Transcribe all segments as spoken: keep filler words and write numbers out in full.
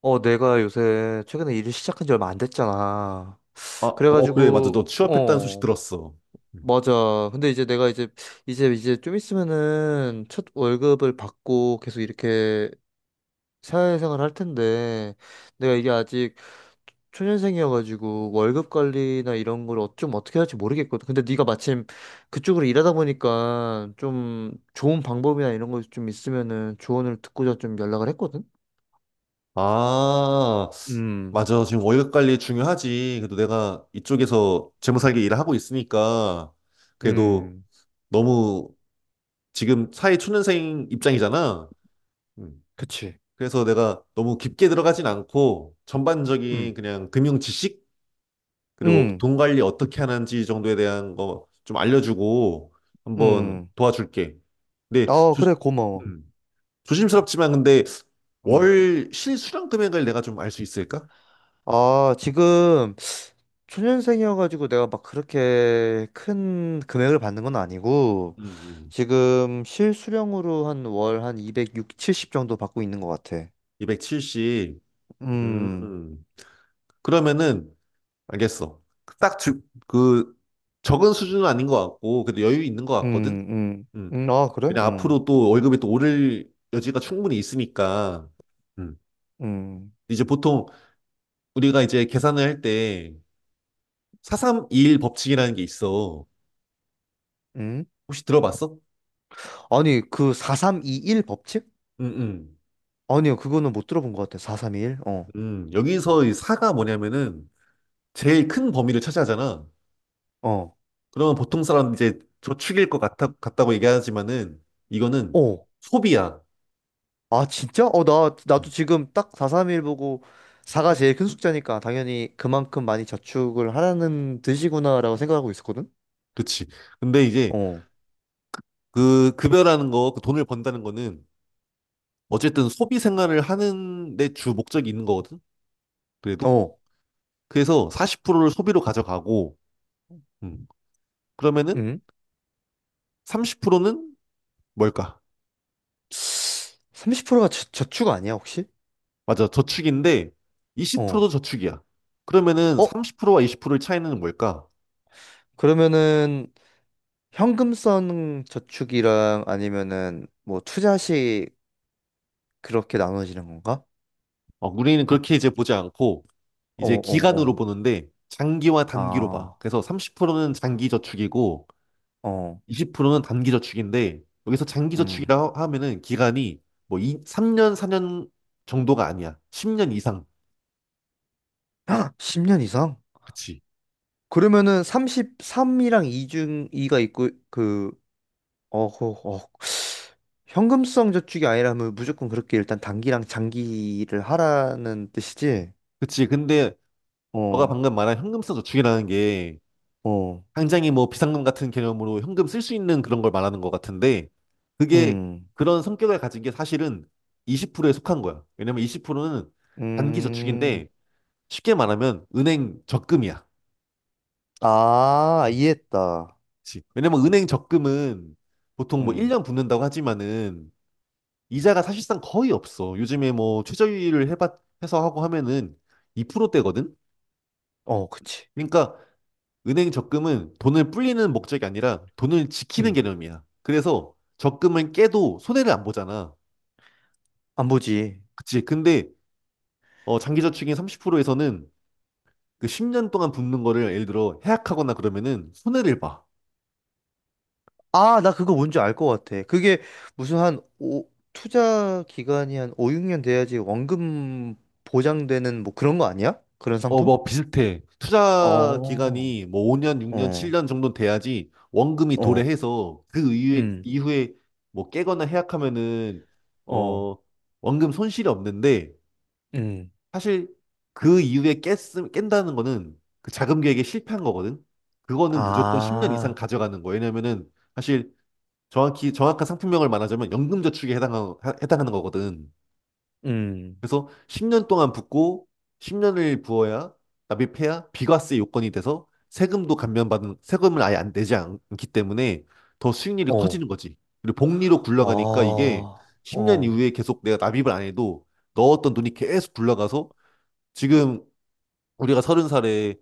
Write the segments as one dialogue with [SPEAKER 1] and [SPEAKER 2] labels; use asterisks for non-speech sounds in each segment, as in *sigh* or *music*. [SPEAKER 1] 어, 내가 요새 최근에 일을 시작한 지 얼마 안 됐잖아.
[SPEAKER 2] 아, 어, 그래, 맞아. 너
[SPEAKER 1] 그래가지고,
[SPEAKER 2] 취업했다는 소식
[SPEAKER 1] 어,
[SPEAKER 2] 들었어. 음.
[SPEAKER 1] 맞아. 근데 이제 내가 이제, 이제, 이제 좀 있으면은 첫 월급을 받고 계속 이렇게 사회생활 할 텐데, 내가 이게 아직 초년생이어가지고 월급 관리나 이런 걸 어- 좀 어떻게 할지 모르겠거든. 근데 네가 마침 그쪽으로 일하다 보니까 좀 좋은 방법이나 이런 거 좀 있으면은 조언을 듣고자 좀 연락을 했거든.
[SPEAKER 2] 아,
[SPEAKER 1] 음,
[SPEAKER 2] 맞아. 지금 월급 관리 중요하지. 그래도 내가 이쪽에서 재무살기 일을 하고 있으니까, 그래도
[SPEAKER 1] 음,
[SPEAKER 2] 너무 지금 사회 초년생 입장이잖아. 음.
[SPEAKER 1] 그치.
[SPEAKER 2] 그래서 내가 너무 깊게 들어가진 않고 전반적인 그냥 금융 지식 그리고
[SPEAKER 1] 응,
[SPEAKER 2] 돈 관리 어떻게 하는지 정도에 대한 거 좀 알려주고 한번
[SPEAKER 1] 응.
[SPEAKER 2] 도와줄게. 근데
[SPEAKER 1] 아,
[SPEAKER 2] 조,
[SPEAKER 1] 그래, 고마워.
[SPEAKER 2] 음, 조심스럽지만 근데
[SPEAKER 1] 응.
[SPEAKER 2] 월 실수령 금액을 내가 좀 알 수 있을까?
[SPEAKER 1] 아, 지금 초년생이어가지고 내가 막 그렇게 큰 금액을 받는 건 아니고,
[SPEAKER 2] 음, 음.
[SPEAKER 1] 지금 실수령으로 한 월 한이백칠십 정도 받고 있는 것 같아.
[SPEAKER 2] 이백칠십. 음,
[SPEAKER 1] 음,
[SPEAKER 2] 음. 그러면은 알겠어. 딱 그 적은 수준은 아닌 것 같고 그래도 여유 있는 것 같거든.
[SPEAKER 1] 음, 음.
[SPEAKER 2] 음.
[SPEAKER 1] 음, 아, 그래?
[SPEAKER 2] 왜냐
[SPEAKER 1] 음,
[SPEAKER 2] 앞으로 또 월급이 또 오를 여지가 충분히 있으니까. 음.
[SPEAKER 1] 음,
[SPEAKER 2] 이제 보통 우리가 이제 계산을 할 때 사삼이일 법칙이라는 게 있어.
[SPEAKER 1] 음.
[SPEAKER 2] 혹시 들어봤어?
[SPEAKER 1] 아니, 그 사삼이일 법칙?
[SPEAKER 2] 음, 음.
[SPEAKER 1] 아니요, 그거는 못 들어본 것 같아. 사삼이일? 어,
[SPEAKER 2] 음, 여기서 이 사가 뭐냐면은 제일 큰 범위를 차지하잖아.
[SPEAKER 1] 어.
[SPEAKER 2] 그러면 보통 사람은 이제 저축일 것 같아, 같다고 얘기하지만은 이거는
[SPEAKER 1] 어.
[SPEAKER 2] 소비야.
[SPEAKER 1] 아, 진짜? 어, 나, 나도
[SPEAKER 2] 음,
[SPEAKER 1] 지금 딱 사삼일 보고 사가 제일 큰 숫자니까 당연히 그만큼 많이 저축을 하라는 뜻이구나라고 생각하고 있었거든?
[SPEAKER 2] 그치. 근데 이제
[SPEAKER 1] 어,
[SPEAKER 2] 그 급여라는 거, 그 돈을 번다는 거는 어쨌든 소비 생활을 하는 데 주 목적이 있는 거거든. 그래도.
[SPEAKER 1] 어,
[SPEAKER 2] 그래서 사십 퍼센트를 소비로 가져가고, 음, 그러면은
[SPEAKER 1] 응?
[SPEAKER 2] 삼십 퍼센트는 뭘까?
[SPEAKER 1] 삼십 프로가 저, 저축 아니야, 혹시?
[SPEAKER 2] 맞아, 저축인데 이십 퍼센트도
[SPEAKER 1] 어.
[SPEAKER 2] 저축이야. 그러면은
[SPEAKER 1] 어?
[SPEAKER 2] 삼십 퍼센트와 이십 퍼센트의 차이는 뭘까?
[SPEAKER 1] 그러면은 현금성 저축이랑 아니면은 뭐 투자식 그렇게 나눠지는 건가?
[SPEAKER 2] 어, 우리는 그렇게 이제 보지 않고,
[SPEAKER 1] 어,
[SPEAKER 2] 이제
[SPEAKER 1] 어,
[SPEAKER 2] 기간으로
[SPEAKER 1] 어.
[SPEAKER 2] 보는데, 장기와 단기로 봐.
[SPEAKER 1] 아,
[SPEAKER 2] 그래서 삼십 퍼센트는
[SPEAKER 1] 아,
[SPEAKER 2] 장기 저축이고,
[SPEAKER 1] 어,
[SPEAKER 2] 이십 퍼센트는 단기 저축인데, 여기서 장기
[SPEAKER 1] 음.
[SPEAKER 2] 저축이라 하면은 기간이 뭐 이, 삼 년, 사 년 정도가 아니야. 십 년 이상.
[SPEAKER 1] *gasps* 십 년 이상?
[SPEAKER 2] 그치.
[SPEAKER 1] 그러면은 삼삼이랑 이 중 이가 있고 그 어, 그, 어, 현금성 저축이 아니라면 무조건 그렇게 일단 단기랑 장기를 하라는 뜻이지.
[SPEAKER 2] 그치. 근데 너가
[SPEAKER 1] 어,
[SPEAKER 2] 방금 말한 현금 쓰는 저축이라는 게
[SPEAKER 1] 어,
[SPEAKER 2] 당장에 뭐 비상금 같은 개념으로 현금 쓸 수 있는 그런 걸 말하는 것 같은데 그게
[SPEAKER 1] 음,
[SPEAKER 2] 그런 성격을 가진 게 사실은 이십 퍼센트에 속한 거야. 왜냐면 이십 퍼센트는 단기
[SPEAKER 1] 음,
[SPEAKER 2] 저축인데 쉽게 말하면 은행 적금이야.
[SPEAKER 1] 아,
[SPEAKER 2] 음,
[SPEAKER 1] 이해했다.
[SPEAKER 2] 그치. 왜냐면 은행 적금은 보통 뭐
[SPEAKER 1] 음,
[SPEAKER 2] 일 년 붙는다고 하지만은 이자가 사실상 거의 없어. 요즘에 뭐 최저율을 해봐 해서 하고 하면은 이 퍼센트대거든.
[SPEAKER 1] 어, 그치.
[SPEAKER 2] 그러니까 은행 적금은 돈을 불리는 목적이 아니라 돈을 지키는
[SPEAKER 1] 음,
[SPEAKER 2] 개념이야. 그래서 적금을 깨도 손해를 안 보잖아.
[SPEAKER 1] 안 보지.
[SPEAKER 2] 그치. 근데 어, 장기저축인 삼십 퍼센트에서는 그 십 년 동안 붓는 거를 예를 들어 해약하거나 그러면은 손해를 봐.
[SPEAKER 1] 아, 나 그거 뭔지 알 것 같아. 그게 무슨 한 오, 투자 기간이 한 오, 육 년 돼야지 원금 보장되는 뭐 그런 거 아니야? 그런
[SPEAKER 2] 어,
[SPEAKER 1] 상품?
[SPEAKER 2] 뭐 비슷해. 투자
[SPEAKER 1] 어.
[SPEAKER 2] 기간이 뭐 오 년, 육 년,
[SPEAKER 1] 어,
[SPEAKER 2] 칠 년 정도 돼야지 원금이
[SPEAKER 1] 어,
[SPEAKER 2] 도래해서 그 이후에,
[SPEAKER 1] 음,
[SPEAKER 2] 이후에 뭐 깨거나 해약하면은
[SPEAKER 1] 어,
[SPEAKER 2] 어, 원금 손실이 없는데
[SPEAKER 1] 음,
[SPEAKER 2] 사실 그 이후에 깼, 깬다는 거는 그 자금 계획에 실패한 거거든. 그거는 무조건 십 년 이상
[SPEAKER 1] 아,
[SPEAKER 2] 가져가는 거예요. 왜냐면은 사실 정확히 정확한 상품명을 말하자면 연금저축에 해당하, 해당하는 거거든.
[SPEAKER 1] 음,
[SPEAKER 2] 그래서 십 년 동안 붓고 십 년을 부어야 납입해야 비과세 요건이 돼서 세금도 감면받은 세금을 아예 안 내지 않기 때문에 더 수익률이
[SPEAKER 1] 어,
[SPEAKER 2] 커지는 거지. 그리고 복리로 굴러가니까
[SPEAKER 1] 어,
[SPEAKER 2] 이게 십 년
[SPEAKER 1] 어,
[SPEAKER 2] 이후에 계속 내가 납입을 안 해도 넣었던 돈이 계속 굴러가서 지금 우리가 서른 살에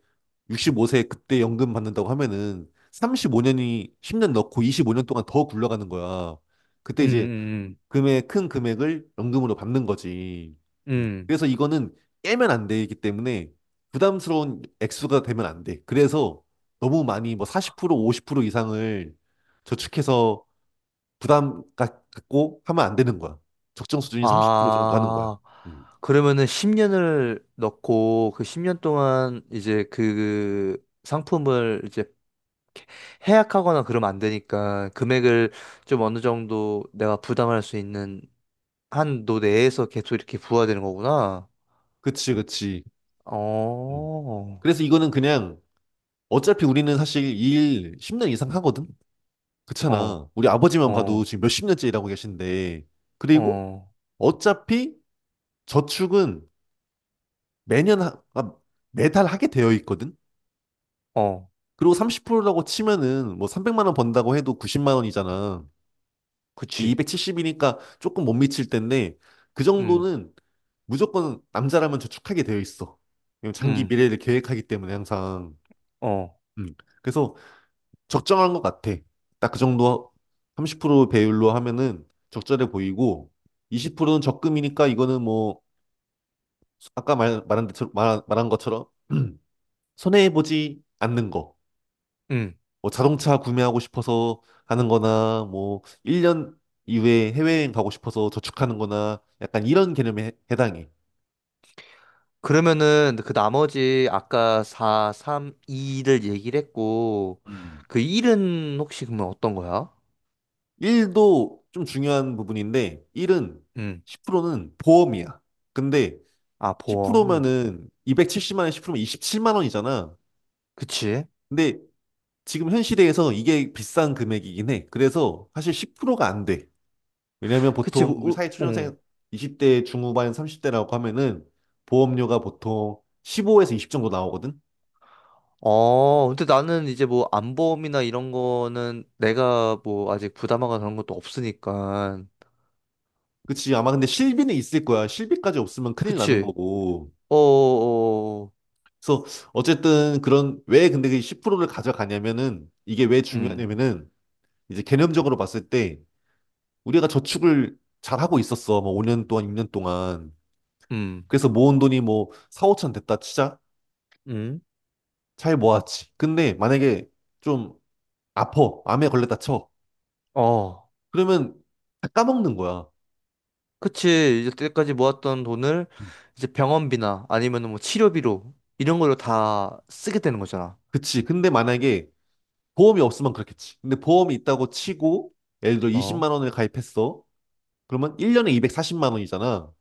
[SPEAKER 2] 육십오 세 그때 연금 받는다고 하면은 삼십오 년이 십 년 넣고 이십오 년 동안 더 굴러가는 거야. 그때
[SPEAKER 1] 음,
[SPEAKER 2] 이제
[SPEAKER 1] 음,
[SPEAKER 2] 금액, 큰 금액을 연금으로 받는 거지.
[SPEAKER 1] 음,
[SPEAKER 2] 음,
[SPEAKER 1] 음.
[SPEAKER 2] 그래서 이거는 깨면 안 되기 때문에 부담스러운 액수가 되면 안 돼. 그래서 너무 많이 뭐 사십 퍼센트 오십 퍼센트 이상을 저축해서 부담 가- 갖고 하면 안 되는 거야. 적정 수준이 삼십 퍼센트 정도 하는 거야.
[SPEAKER 1] 아,
[SPEAKER 2] 음.
[SPEAKER 1] 그러면은 십 년을 넣고 그 십 년 동안 이제 그 상품을 이제 해약하거나 그러면 안 되니까 금액을 좀 어느 정도 내가 부담할 수 있는 한도 내에서 계속 이렇게 부과되는 거구나.
[SPEAKER 2] 그치, 그치. 음.
[SPEAKER 1] 어,
[SPEAKER 2] 그래서 이거는 그냥 어차피 우리는 사실 이 일 십 년 이상 하거든?
[SPEAKER 1] 어,
[SPEAKER 2] 그렇잖아. 우리 아버지만 봐도
[SPEAKER 1] 어,
[SPEAKER 2] 지금 몇십 년째 일하고 계신데. 그리고
[SPEAKER 1] 어.
[SPEAKER 2] 어차피 저축은 매년, 하, 아, 매달 하게 되어 있거든?
[SPEAKER 1] 어,
[SPEAKER 2] 그리고 삼십 퍼센트라고 치면은 뭐 삼백만 원 번다고 해도 구십만 원이잖아.
[SPEAKER 1] 그치.
[SPEAKER 2] 이백칠십이니까 조금 못 미칠 텐데 그
[SPEAKER 1] 음,
[SPEAKER 2] 정도는 무조건 남자라면 저축하게 되어 있어. 왜냐면 장기
[SPEAKER 1] 음,
[SPEAKER 2] 미래를 계획하기 때문에 항상.
[SPEAKER 1] 어,
[SPEAKER 2] 음. 그래서 적정한 것 같아. 딱 그 정도 삼십 퍼센트 배율로 하면은 적절해 보이고 이십 퍼센트는 적금이니까 이거는 뭐 아까 말, 말한 대처럼 말, 말한 것처럼 *clears throat* 손해해 보지 않는 거.
[SPEAKER 1] 음.
[SPEAKER 2] 뭐 자동차 구매하고 싶어서 하는 거나 뭐 일 년 이후에 해외여행 가고 싶어서 저축하는 거나 약간 이런 개념에 해- 해당해.
[SPEAKER 1] 그러면은 그 나머지 아까 사, 삼, 이를 얘기를 했고,
[SPEAKER 2] 음.
[SPEAKER 1] 그 일은 혹시 그러면 어떤 거야?
[SPEAKER 2] 일도 좀 중요한 부분인데 일은
[SPEAKER 1] 음.
[SPEAKER 2] 십 퍼센트는 보험이야. 근데
[SPEAKER 1] 아, 보험.
[SPEAKER 2] 십 퍼센트면은 이백칠십만 원에 십 퍼센트면 이십칠만 원이잖아.
[SPEAKER 1] 그치.
[SPEAKER 2] 근데 지금 현 시대에서 이게 비싼 금액이긴 해. 그래서 사실 십 퍼센트가 안 돼. 왜냐면
[SPEAKER 1] 그치,
[SPEAKER 2] 보통 우리
[SPEAKER 1] 우, 우, 어.
[SPEAKER 2] 사회초년생 이십 대 중후반 삼십 대라고 하면은 보험료가 보통 십오에서 이십 정도 나오거든.
[SPEAKER 1] 어, 근데 나는 이제 뭐 안보험이나 이런 거는 내가 뭐 아직 부담하거나 그런 것도 없으니까.
[SPEAKER 2] 그치. 아마 근데 실비는 있을 거야. 실비까지 없으면 큰일 나는
[SPEAKER 1] 그치.
[SPEAKER 2] 거고.
[SPEAKER 1] 어, 어, 어. 어.
[SPEAKER 2] 그래서 어쨌든 그런 왜 근데 그 십 퍼센트를 가져가냐면은 이게 왜
[SPEAKER 1] 음,
[SPEAKER 2] 중요하냐면은 이제 개념적으로 봤을 때 우리가 저축을 잘 하고 있었어. 뭐 오 년 동안, 육 년 동안.
[SPEAKER 1] 음,
[SPEAKER 2] 그래서 모은 돈이 뭐 사, 오천 됐다 치자.
[SPEAKER 1] 음.
[SPEAKER 2] 잘 모았지. 근데 만약에 좀 아파. 암에 걸렸다 쳐.
[SPEAKER 1] 어.
[SPEAKER 2] 그러면 다 까먹는 거야.
[SPEAKER 1] 그치. 이때까지 제 모았던 돈을
[SPEAKER 2] 음.
[SPEAKER 1] 이제 병원비나 아니면 뭐 치료비로 이런 걸로 다 쓰게 되는 거잖아.
[SPEAKER 2] 그치. 근데 만약에 보험이 없으면 그렇겠지. 근데 보험이 있다고 치고 예를 들어
[SPEAKER 1] 어?
[SPEAKER 2] 이십만 원을 가입했어. 그러면 일 년에 이백사십만 원이잖아.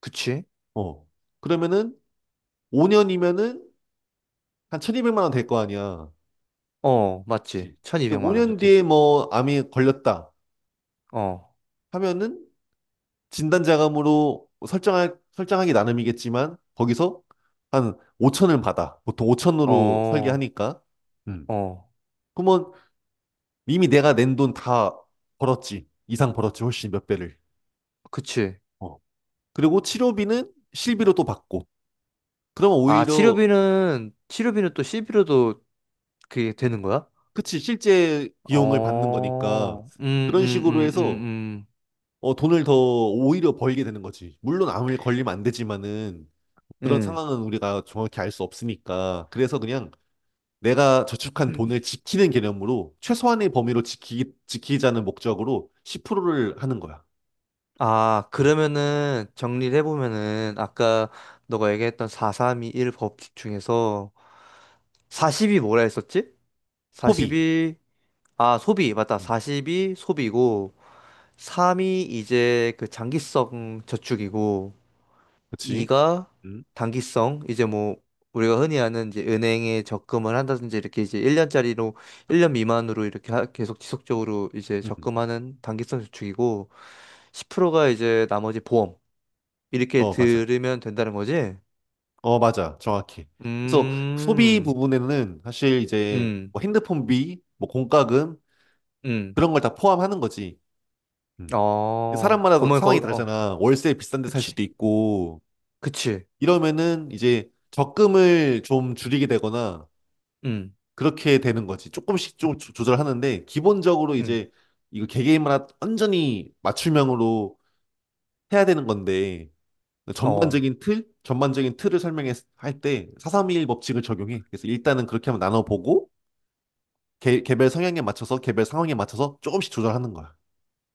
[SPEAKER 1] 그치?
[SPEAKER 2] 어. 그러면은 오 년이면은 한 천이백만 원 될 거 아니야.
[SPEAKER 1] 어, 맞지.
[SPEAKER 2] 그치. 근데
[SPEAKER 1] 천이백만 원저
[SPEAKER 2] 오 년
[SPEAKER 1] 대
[SPEAKER 2] 뒤에
[SPEAKER 1] 지
[SPEAKER 2] 뭐 암이 걸렸다
[SPEAKER 1] 어,
[SPEAKER 2] 하면은 진단자금으로 설정할, 설정하기 나름이겠지만 거기서 한 오천을 받아. 보통 오천으로
[SPEAKER 1] 어,
[SPEAKER 2] 설계하니까. 음.
[SPEAKER 1] 어.
[SPEAKER 2] 그러면 이미 내가 낸 돈 다 벌었지. 이상 벌었지. 훨씬 몇 배를.
[SPEAKER 1] 그치.
[SPEAKER 2] 어. 그리고 치료비는 실비로 또 받고. 그러면
[SPEAKER 1] 아,
[SPEAKER 2] 오히려
[SPEAKER 1] 치료비는, 치료비는 또 c 비로도 그게 되는 거야?
[SPEAKER 2] 그치 실제 비용을 받는 거니까
[SPEAKER 1] 어, 음,
[SPEAKER 2] 그런
[SPEAKER 1] 음,
[SPEAKER 2] 식으로
[SPEAKER 1] 음,
[SPEAKER 2] 해서
[SPEAKER 1] 음,
[SPEAKER 2] 어, 돈을 더 오히려 벌게 되는 거지. 물론 암을 걸리면 안 되지만은 그런
[SPEAKER 1] 음. 음.
[SPEAKER 2] 상황은 우리가 정확히 알 수 없으니까. 그래서 그냥 내가 저축한 돈을 지키는 개념으로 최소한의 범위로 지키, 지키자는 목적으로 십 퍼센트를 하는 거야.
[SPEAKER 1] 아,
[SPEAKER 2] 음.
[SPEAKER 1] 그러면은 정리를 해보면은 아까 너가 얘기했던 사삼이일 법칙 중에서 사십이 뭐라 했었지? 4
[SPEAKER 2] 소비.
[SPEAKER 1] 이 아, 소비, 맞다.
[SPEAKER 2] 음.
[SPEAKER 1] 사이 소비고, 삼이 이제 그 장기성 저축이고,
[SPEAKER 2] 그치?
[SPEAKER 1] 이가
[SPEAKER 2] 음.
[SPEAKER 1] 단기성, 이제 뭐, 우리가 흔히 아는 이제 은행에 적금을 한다든지 이렇게 이제 일 년짜리로, 일 년 미만으로 이렇게 하- 계속 지속적으로 이제
[SPEAKER 2] 음.
[SPEAKER 1] 적금하는 단기성 저축이고, 십 프로가 이제 나머지 보험, 이렇게
[SPEAKER 2] 어, 맞아.
[SPEAKER 1] 들으면 된다는 거지?
[SPEAKER 2] 어, 맞아. 정확해. 그래서 소비
[SPEAKER 1] 음,
[SPEAKER 2] 부분에는 사실 이제
[SPEAKER 1] 음,
[SPEAKER 2] 뭐 핸드폰비, 뭐 공과금
[SPEAKER 1] 음,
[SPEAKER 2] 그런 걸 다 포함하는 거지. 음.
[SPEAKER 1] 어,
[SPEAKER 2] 사람마다
[SPEAKER 1] 그러면 거,
[SPEAKER 2] 상황이
[SPEAKER 1] 어,
[SPEAKER 2] 다르잖아. 월세 비싼 데 살
[SPEAKER 1] 그치,
[SPEAKER 2] 수도 있고
[SPEAKER 1] 그치.
[SPEAKER 2] 이러면은 이제 적금을 좀 줄이게 되거나
[SPEAKER 1] 음.
[SPEAKER 2] 그렇게 되는 거지. 조금씩 좀 조- 조절하는데 기본적으로
[SPEAKER 1] 음.
[SPEAKER 2] 이제 이거 개개인마다 완전히 맞춤형으로 해야 되는 건데
[SPEAKER 1] 어.
[SPEAKER 2] 전반적인 틀, 전반적인 틀을 설명할 때 사백삼십일 법칙을 적용해. 그래서 일단은 그렇게 한번 나눠보고 개, 개별 성향에 맞춰서 개별 상황에 맞춰서 조금씩 조절하는 거야.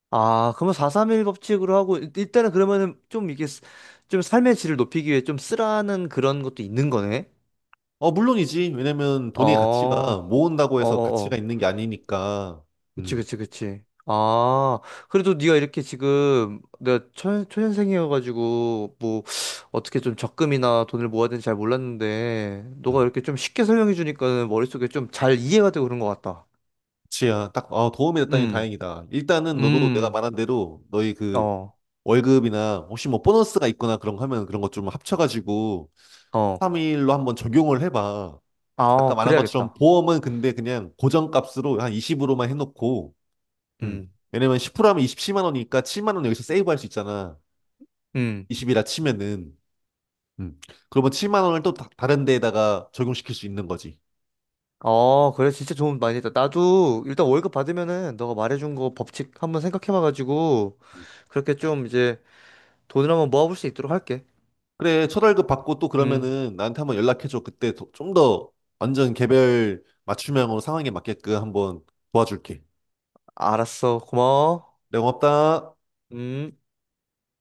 [SPEAKER 1] 아, 그러면 사삼일 법칙으로 하고 일- 일단은 그러면은 좀 이게 쓰- 좀 삶의 질을 높이기 위해 좀 쓰라는 그런 것도 있는 거네.
[SPEAKER 2] 어, 물론이지. 왜냐면 돈의
[SPEAKER 1] 어.
[SPEAKER 2] 가치가 모은다고
[SPEAKER 1] 어,
[SPEAKER 2] 해서
[SPEAKER 1] 어,
[SPEAKER 2] 가치가
[SPEAKER 1] 어.
[SPEAKER 2] 있는 게 아니니까.
[SPEAKER 1] 그치,
[SPEAKER 2] 음,
[SPEAKER 1] 그치, 그치. 아, 그래도 네가 이렇게 지금 내가 초, 초년생이어가지고 뭐 어떻게 좀 적금이나 돈을 모아야 되는지 잘 몰랐는데 너가
[SPEAKER 2] 음.
[SPEAKER 1] 이렇게 좀 쉽게 설명해 주니까는 머릿속에 좀 잘 이해가 되고 그런 것 같다.
[SPEAKER 2] 지야, 딱, 어, 도움이 됐다니
[SPEAKER 1] 음,
[SPEAKER 2] 다행이다. 일단은 너도 내가
[SPEAKER 1] 음,
[SPEAKER 2] 말한 대로 너희 그
[SPEAKER 1] 어,
[SPEAKER 2] 월급이나 혹시 뭐 보너스가 있거나 그런 거 하면 그런 것 좀 합쳐가지고
[SPEAKER 1] 어.
[SPEAKER 2] 삼일로 한번 적용을 해봐. 아까
[SPEAKER 1] 아,
[SPEAKER 2] 말한 것처럼
[SPEAKER 1] 그래야겠다.
[SPEAKER 2] 보험은 근데 그냥 고정값으로 한 이십으로만 해놓고, 음.
[SPEAKER 1] 음,
[SPEAKER 2] 왜냐면 십 퍼센트하면 이십칠만 원이니까 칠만 원 여기서 세이브할 수 있잖아.
[SPEAKER 1] 음.
[SPEAKER 2] 이십이라 치면은. 음. 그러면 칠만 원을 또 다, 른 데에다가 적용시킬 수 있는 거지.
[SPEAKER 1] 어, 그래, 진짜 좋은 많이 했다. 나도 일단 월급 받으면은 너가 말해준 거 법칙 한번 생각해봐가지고
[SPEAKER 2] 음.
[SPEAKER 1] 그렇게 좀 이제 돈을 한번 모아볼 수 있도록 할게.
[SPEAKER 2] 그래, 첫월급 받고 또
[SPEAKER 1] 음,
[SPEAKER 2] 그러면은 나한테 한번 연락해줘. 그때 좀 더 완전 개별 맞춤형으로 상황에 맞게끔 한번 도와줄게.
[SPEAKER 1] 알았어. 고마워.
[SPEAKER 2] 네, 고맙다.
[SPEAKER 1] 음.